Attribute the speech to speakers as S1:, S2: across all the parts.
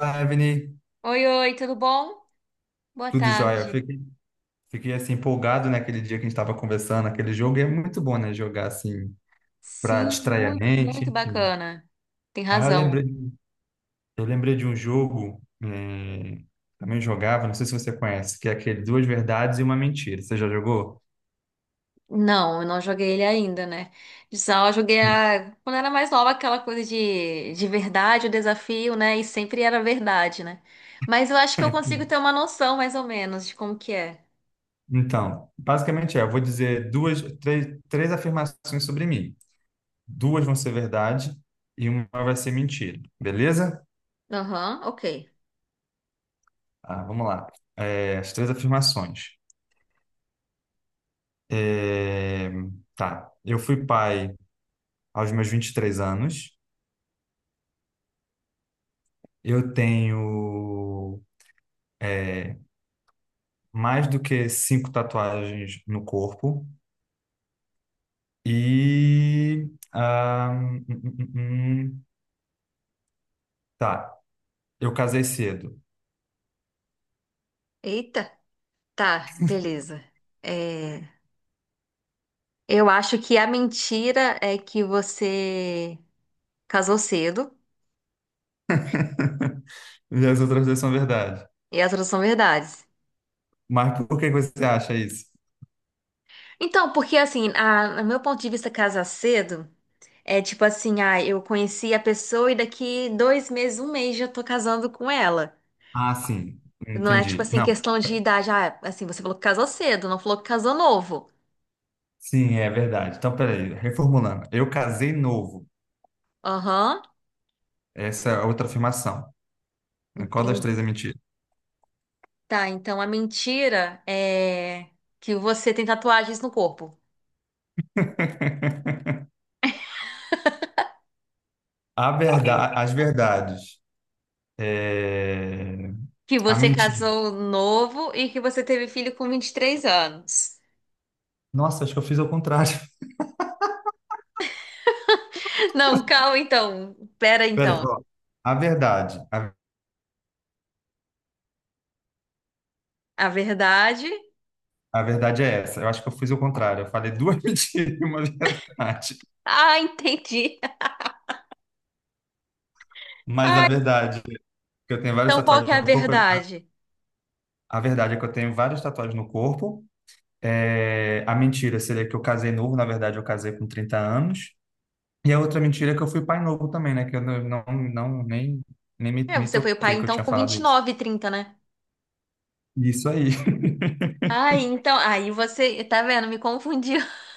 S1: Olá, Evelyn,
S2: Oi, oi, tudo bom? Boa
S1: tudo jóia.
S2: tarde.
S1: Fiquei assim empolgado naquele dia que a gente estava conversando, aquele jogo, e é muito bom, né, jogar assim para
S2: Sim,
S1: distrair a
S2: muito,
S1: mente,
S2: muito
S1: enfim.
S2: bacana. Tem
S1: Ah, eu
S2: razão.
S1: lembrei, eu lembrei de um jogo, também jogava, não sei se você conhece, que é aquele Duas Verdades e uma Mentira. Você já jogou?
S2: Não, eu não joguei ele ainda, né? Só eu joguei quando era mais nova, aquela coisa de verdade, o desafio, né? E sempre era verdade, né? Mas eu acho que eu consigo ter uma noção, mais ou menos, de como que é.
S1: Então, basicamente é, eu vou dizer três afirmações sobre mim. Duas vão ser verdade e uma vai ser mentira, beleza?
S2: Aham, ok.
S1: Ah, vamos lá. É, as três afirmações. É, Tá, eu fui pai aos meus 23 anos. Eu tenho mais do que 5 tatuagens no corpo. E. ah, hum, hum, hum, hum, hum. Tá, eu casei cedo.
S2: Eita, tá, beleza. É, Eu acho que a mentira é que você casou cedo
S1: E as outras duas são verdade.
S2: e as outras são verdades.
S1: Mas por que você acha isso?
S2: Então, porque assim, no meu ponto de vista, casar cedo é tipo assim, eu conheci a pessoa e daqui dois meses, um mês já tô casando com ela.
S1: Ah, sim,
S2: Não é tipo
S1: entendi.
S2: assim,
S1: Não,
S2: questão de idade. Ah, assim, você falou que casou cedo, não falou que casou novo.
S1: sim, é verdade. Então, peraí, reformulando. Eu casei novo.
S2: Aham,
S1: Essa é a outra afirmação. Qual das três é
S2: entendi.
S1: mentira?
S2: Tá, então a mentira é que você tem tatuagens no corpo.
S1: A verdade, as verdades. É,
S2: Que
S1: A
S2: você
S1: mentira.
S2: casou novo e que você teve filho com 23 anos.
S1: Nossa, acho que eu fiz ao contrário.
S2: Não, calma então. Pera
S1: Pera,
S2: então.
S1: ó, a verdade. A,
S2: A verdade.
S1: a verdade é essa. Eu acho que eu fiz ao contrário. Eu falei duas mentiras e uma verdade.
S2: Ah, entendi.
S1: Mas a
S2: Ah,
S1: verdade é que eu tenho várias
S2: então, qual que
S1: tatuagens
S2: é a
S1: no corpo.
S2: verdade?
S1: A verdade é que eu tenho várias tatuagens no corpo. É, a mentira seria que eu casei novo. Na verdade, eu casei com 30 anos. E a outra mentira é que eu fui pai novo também, né? Que eu não, não, não- nem, nem me,
S2: É,
S1: me
S2: você foi o pai
S1: toquei que eu
S2: então
S1: tinha
S2: com
S1: falado
S2: vinte e
S1: isso.
S2: nove, 30, né?
S1: Isso aí.
S2: Ah, então, aí você, tá vendo? Me confundiu.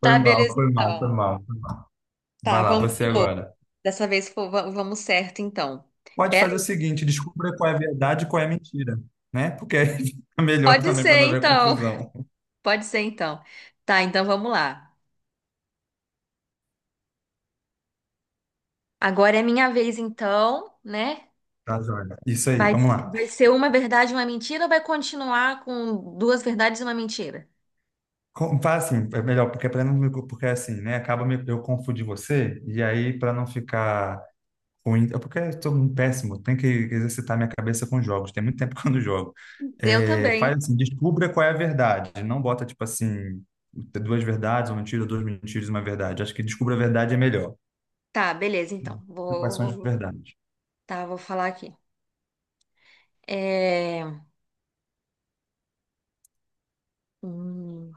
S1: Foi
S2: Tá,
S1: mal,
S2: beleza,
S1: foi mal, foi
S2: então.
S1: mal, foi mal.
S2: Tá,
S1: Vai lá,
S2: vamos
S1: você
S2: de novo.
S1: agora.
S2: Dessa vez vamos certo, então.
S1: Pode
S2: Pera
S1: fazer o
S2: aí.
S1: seguinte, descubra qual é a verdade e qual é a mentira, né? Porque aí fica melhor
S2: Pode
S1: também para
S2: ser,
S1: não haver
S2: então.
S1: confusão.
S2: Pode ser, então. Tá, então vamos lá. Agora é minha vez, então, né?
S1: Tá, joia. Isso aí, vamos lá.
S2: Vai ser uma verdade e uma mentira ou vai continuar com duas verdades e uma mentira?
S1: Faz assim, é melhor, porque para não me- porque assim, né? Eu confundir você e aí para não ficar ruim, é porque eu tô um péssimo, tenho que exercitar minha cabeça com jogos. Tem muito tempo que eu não jogo.
S2: Eu
S1: É, faz
S2: também.
S1: assim, descubra qual é a verdade. Não bota tipo assim, duas verdades, uma mentira, duas mentiras, e uma verdade. Acho que descubra a verdade é melhor.
S2: Tá, beleza, então.
S1: Quais são as verdades?
S2: Tá, vou falar aqui. É... Hum.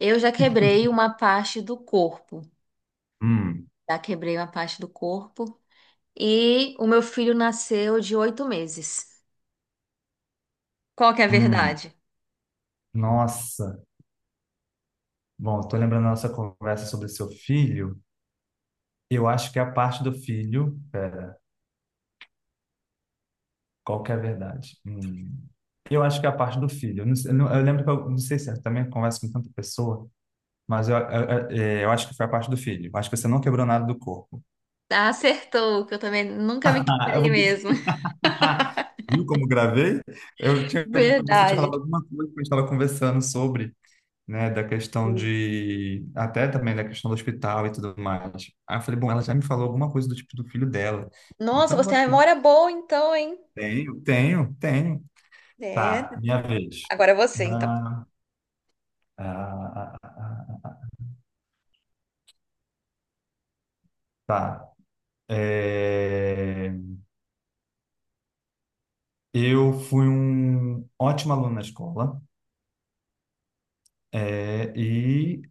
S2: Eu já quebrei uma parte do corpo.
S1: Hum,
S2: Já quebrei uma parte do corpo. E o meu filho nasceu de 8 meses. Qual que é a
S1: hum,
S2: verdade?
S1: nossa. Bom, estou lembrando da nossa conversa sobre seu filho. Eu acho que a parte do filho. Pera, qual que é a verdade? Hum. Eu acho que é a parte do filho. Eu lembro que eu não sei se eu também converso com tanta pessoa, mas eu acho que foi a parte do filho. Eu acho que você não quebrou nada do corpo.
S2: Ah, acertou, que eu também nunca me
S1: Eu
S2: quebrei
S1: vou-
S2: mesmo.
S1: Viu como gravei? Você tinha falado
S2: Verdade.
S1: alguma coisa que a gente estava conversando sobre, né, da questão de, até também da questão do hospital e tudo mais. Aí eu falei, bom, ela já me falou alguma coisa do tipo do filho dela.
S2: Nossa,
S1: Então,
S2: você tem uma memória boa então, hein?
S1: tenho, tenho, tenho.
S2: É.
S1: Tá, minha vez.
S2: Agora é você, então.
S1: Na, ah, ah, ah, ah, ah. tá. É, eu fui um ótimo aluno na escola, é, e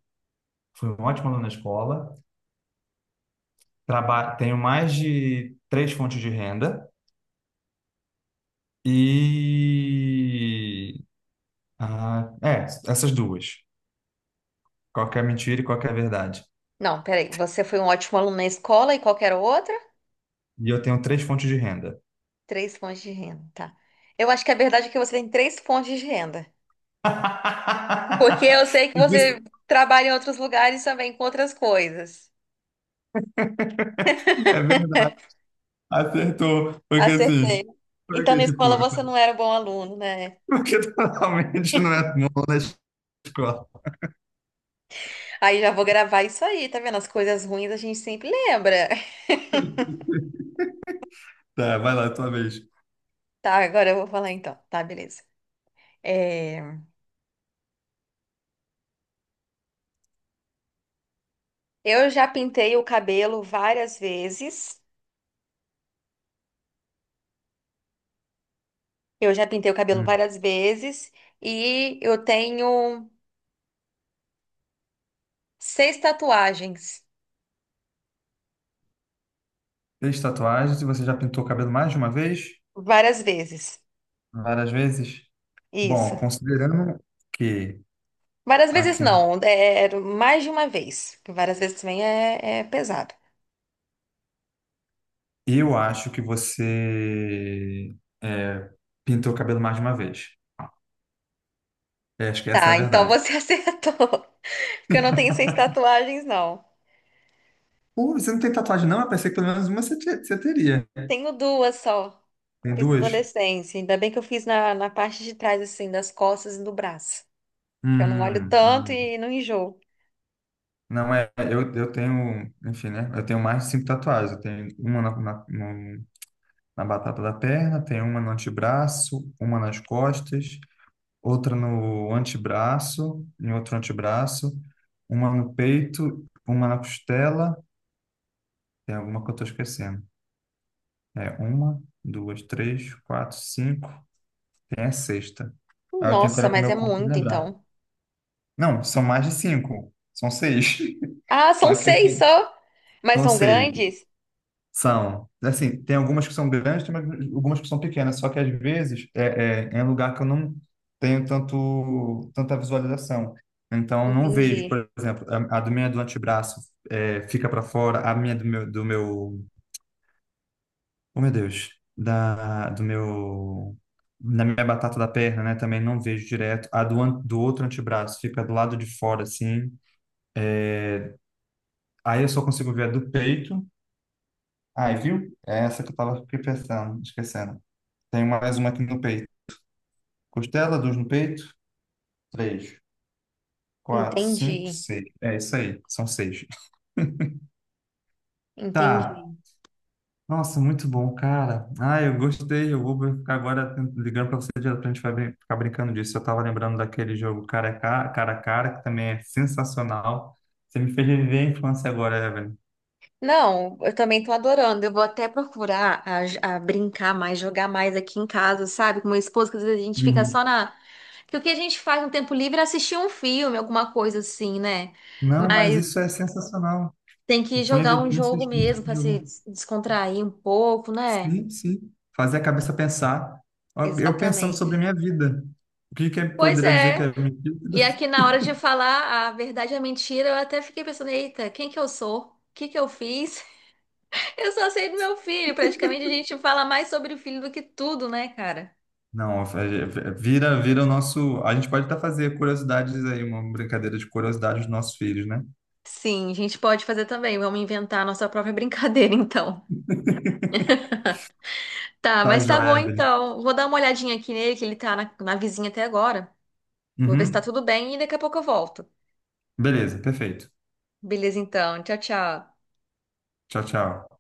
S1: fui um ótimo aluno na escola. Tenho mais de 3 fontes de renda e Ah, é, essas duas. Qualquer mentira e qualquer verdade.
S2: Não, peraí. Você foi um ótimo aluno na escola e qual que era a outra?
S1: E eu tenho 3 fontes de renda.
S2: Três fontes de renda, tá. Eu acho que a verdade é que você tem três fontes de renda. Porque eu sei que
S1: E por
S2: você
S1: isso
S2: trabalha em outros lugares também com outras coisas.
S1: é verdade. Acertou. Porque
S2: Acertei.
S1: assim,
S2: Então,
S1: porque
S2: na
S1: tipo,
S2: escola
S1: eu
S2: você
S1: falei,
S2: não era um bom aluno, né?
S1: porque totalmente não é bom na escola.
S2: Aí já vou gravar isso aí, tá vendo? As coisas ruins a gente sempre lembra.
S1: Tá, vai lá, tua vez.
S2: Tá, agora eu vou falar então. Tá, beleza. É, Eu já pintei o cabelo várias vezes. Eu já pintei o cabelo
S1: Hum.
S2: várias vezes. E eu tenho 6 tatuagens.
S1: Fez tatuagens e você já pintou o cabelo mais de uma vez?
S2: Várias vezes.
S1: Várias vezes? Bom,
S2: Isso.
S1: considerando que
S2: Várias vezes
S1: aqui
S2: não, era mais de uma vez. Porque várias vezes também é pesado.
S1: eu acho que você é, pintou o cabelo mais de uma vez. É, acho que essa é a
S2: Tá, então
S1: verdade.
S2: você acertou. Porque eu não tenho 6 tatuagens, não.
S1: Pô, você não tem tatuagem, não? Eu pensei que pelo menos uma você teria.
S2: Tenho duas só.
S1: Tem
S2: Fiz na
S1: duas?
S2: adolescência. Ainda bem que eu fiz na parte de trás, assim, das costas e do braço. Que eu não olho
S1: Hum,
S2: tanto
S1: hum.
S2: e não enjoo.
S1: Não é. Eu tenho, enfim, né? Eu tenho mais de 5 tatuagens. Eu tenho uma na, na, no- na batata da perna, tenho uma no antebraço, uma nas costas, outra no antebraço, em outro antebraço, uma no peito, uma na costela. Tem alguma que eu tô esquecendo. É, uma, duas, três, quatro, cinco. Tem a sexta. Aí eu tenho que
S2: Nossa,
S1: olhar para o
S2: mas é
S1: meu corpo e
S2: muito,
S1: lembrar.
S2: então.
S1: Não, são mais de cinco. São 6.
S2: Ah,
S1: Só
S2: são
S1: que eu
S2: 6
S1: tô-
S2: só? Mas
S1: são
S2: são
S1: seis.
S2: grandes?
S1: São. Assim, tem algumas que são grandes, algumas que são pequenas. Só que às vezes é um lugar que eu não tenho tanta visualização. Então, eu não vejo, por
S2: Entendi.
S1: exemplo, a do minha do antebraço fica para fora, a minha do meu Oh, meu Deus, da, do meu, da minha batata da perna, né? Também não vejo direto. A do outro antebraço fica do lado de fora, assim. Aí eu só consigo ver a do peito. Aí, viu? É essa que eu tava aqui pensando, esquecendo. Tem mais uma aqui no peito. Costela, duas no peito. Três, quatro, cinco,
S2: Entendi.
S1: seis. É isso aí, são 6. Tá,
S2: Entendi.
S1: nossa, muito bom, cara. Ah, eu gostei. Eu vou ficar agora ligando para você direto pra gente ficar brincando disso. Eu tava lembrando daquele jogo cara a cara, que também é sensacional. Você me fez viver a infância agora, Evelyn.
S2: Não, eu também tô adorando. Eu vou até procurar a brincar mais, jogar mais aqui em casa, sabe? Com meu esposo, que às vezes a gente fica
S1: Uhum.
S2: só na. Porque o que a gente faz no tempo livre é assistir um filme, alguma coisa assim, né?
S1: Não, mas
S2: Mas
S1: isso é sensacional.
S2: tem que
S1: Eu vou
S2: jogar
S1: investir
S2: um jogo
S1: nesse
S2: mesmo
S1: tipo de
S2: pra se
S1: jogo.
S2: descontrair um pouco, né?
S1: Sim, sim. Fazer a cabeça pensar. Ó, eu pensando
S2: Exatamente.
S1: sobre a minha vida. O que que eu
S2: Pois
S1: poderia dizer que
S2: é.
S1: é mentira?
S2: E aqui na hora de falar a verdade e a mentira, eu até fiquei pensando, eita, quem que eu sou? O que que eu fiz? Eu só sei do meu filho. Praticamente a gente fala mais sobre o filho do que tudo, né, cara?
S1: Não, vira, vira o nosso. A gente pode até fazer curiosidades aí, uma brincadeira de curiosidade dos nossos filhos, né?
S2: Sim, a gente pode fazer também. Vamos inventar a nossa própria brincadeira, então. Tá,
S1: Tá,
S2: mas tá bom
S1: joia, Evelyn.
S2: então. Vou dar uma olhadinha aqui nele, que ele tá na vizinha até agora. Vou ver se tá
S1: Uhum.
S2: tudo bem e daqui a pouco eu volto.
S1: Beleza, perfeito.
S2: Beleza, então. Tchau, tchau.
S1: Tchau, tchau.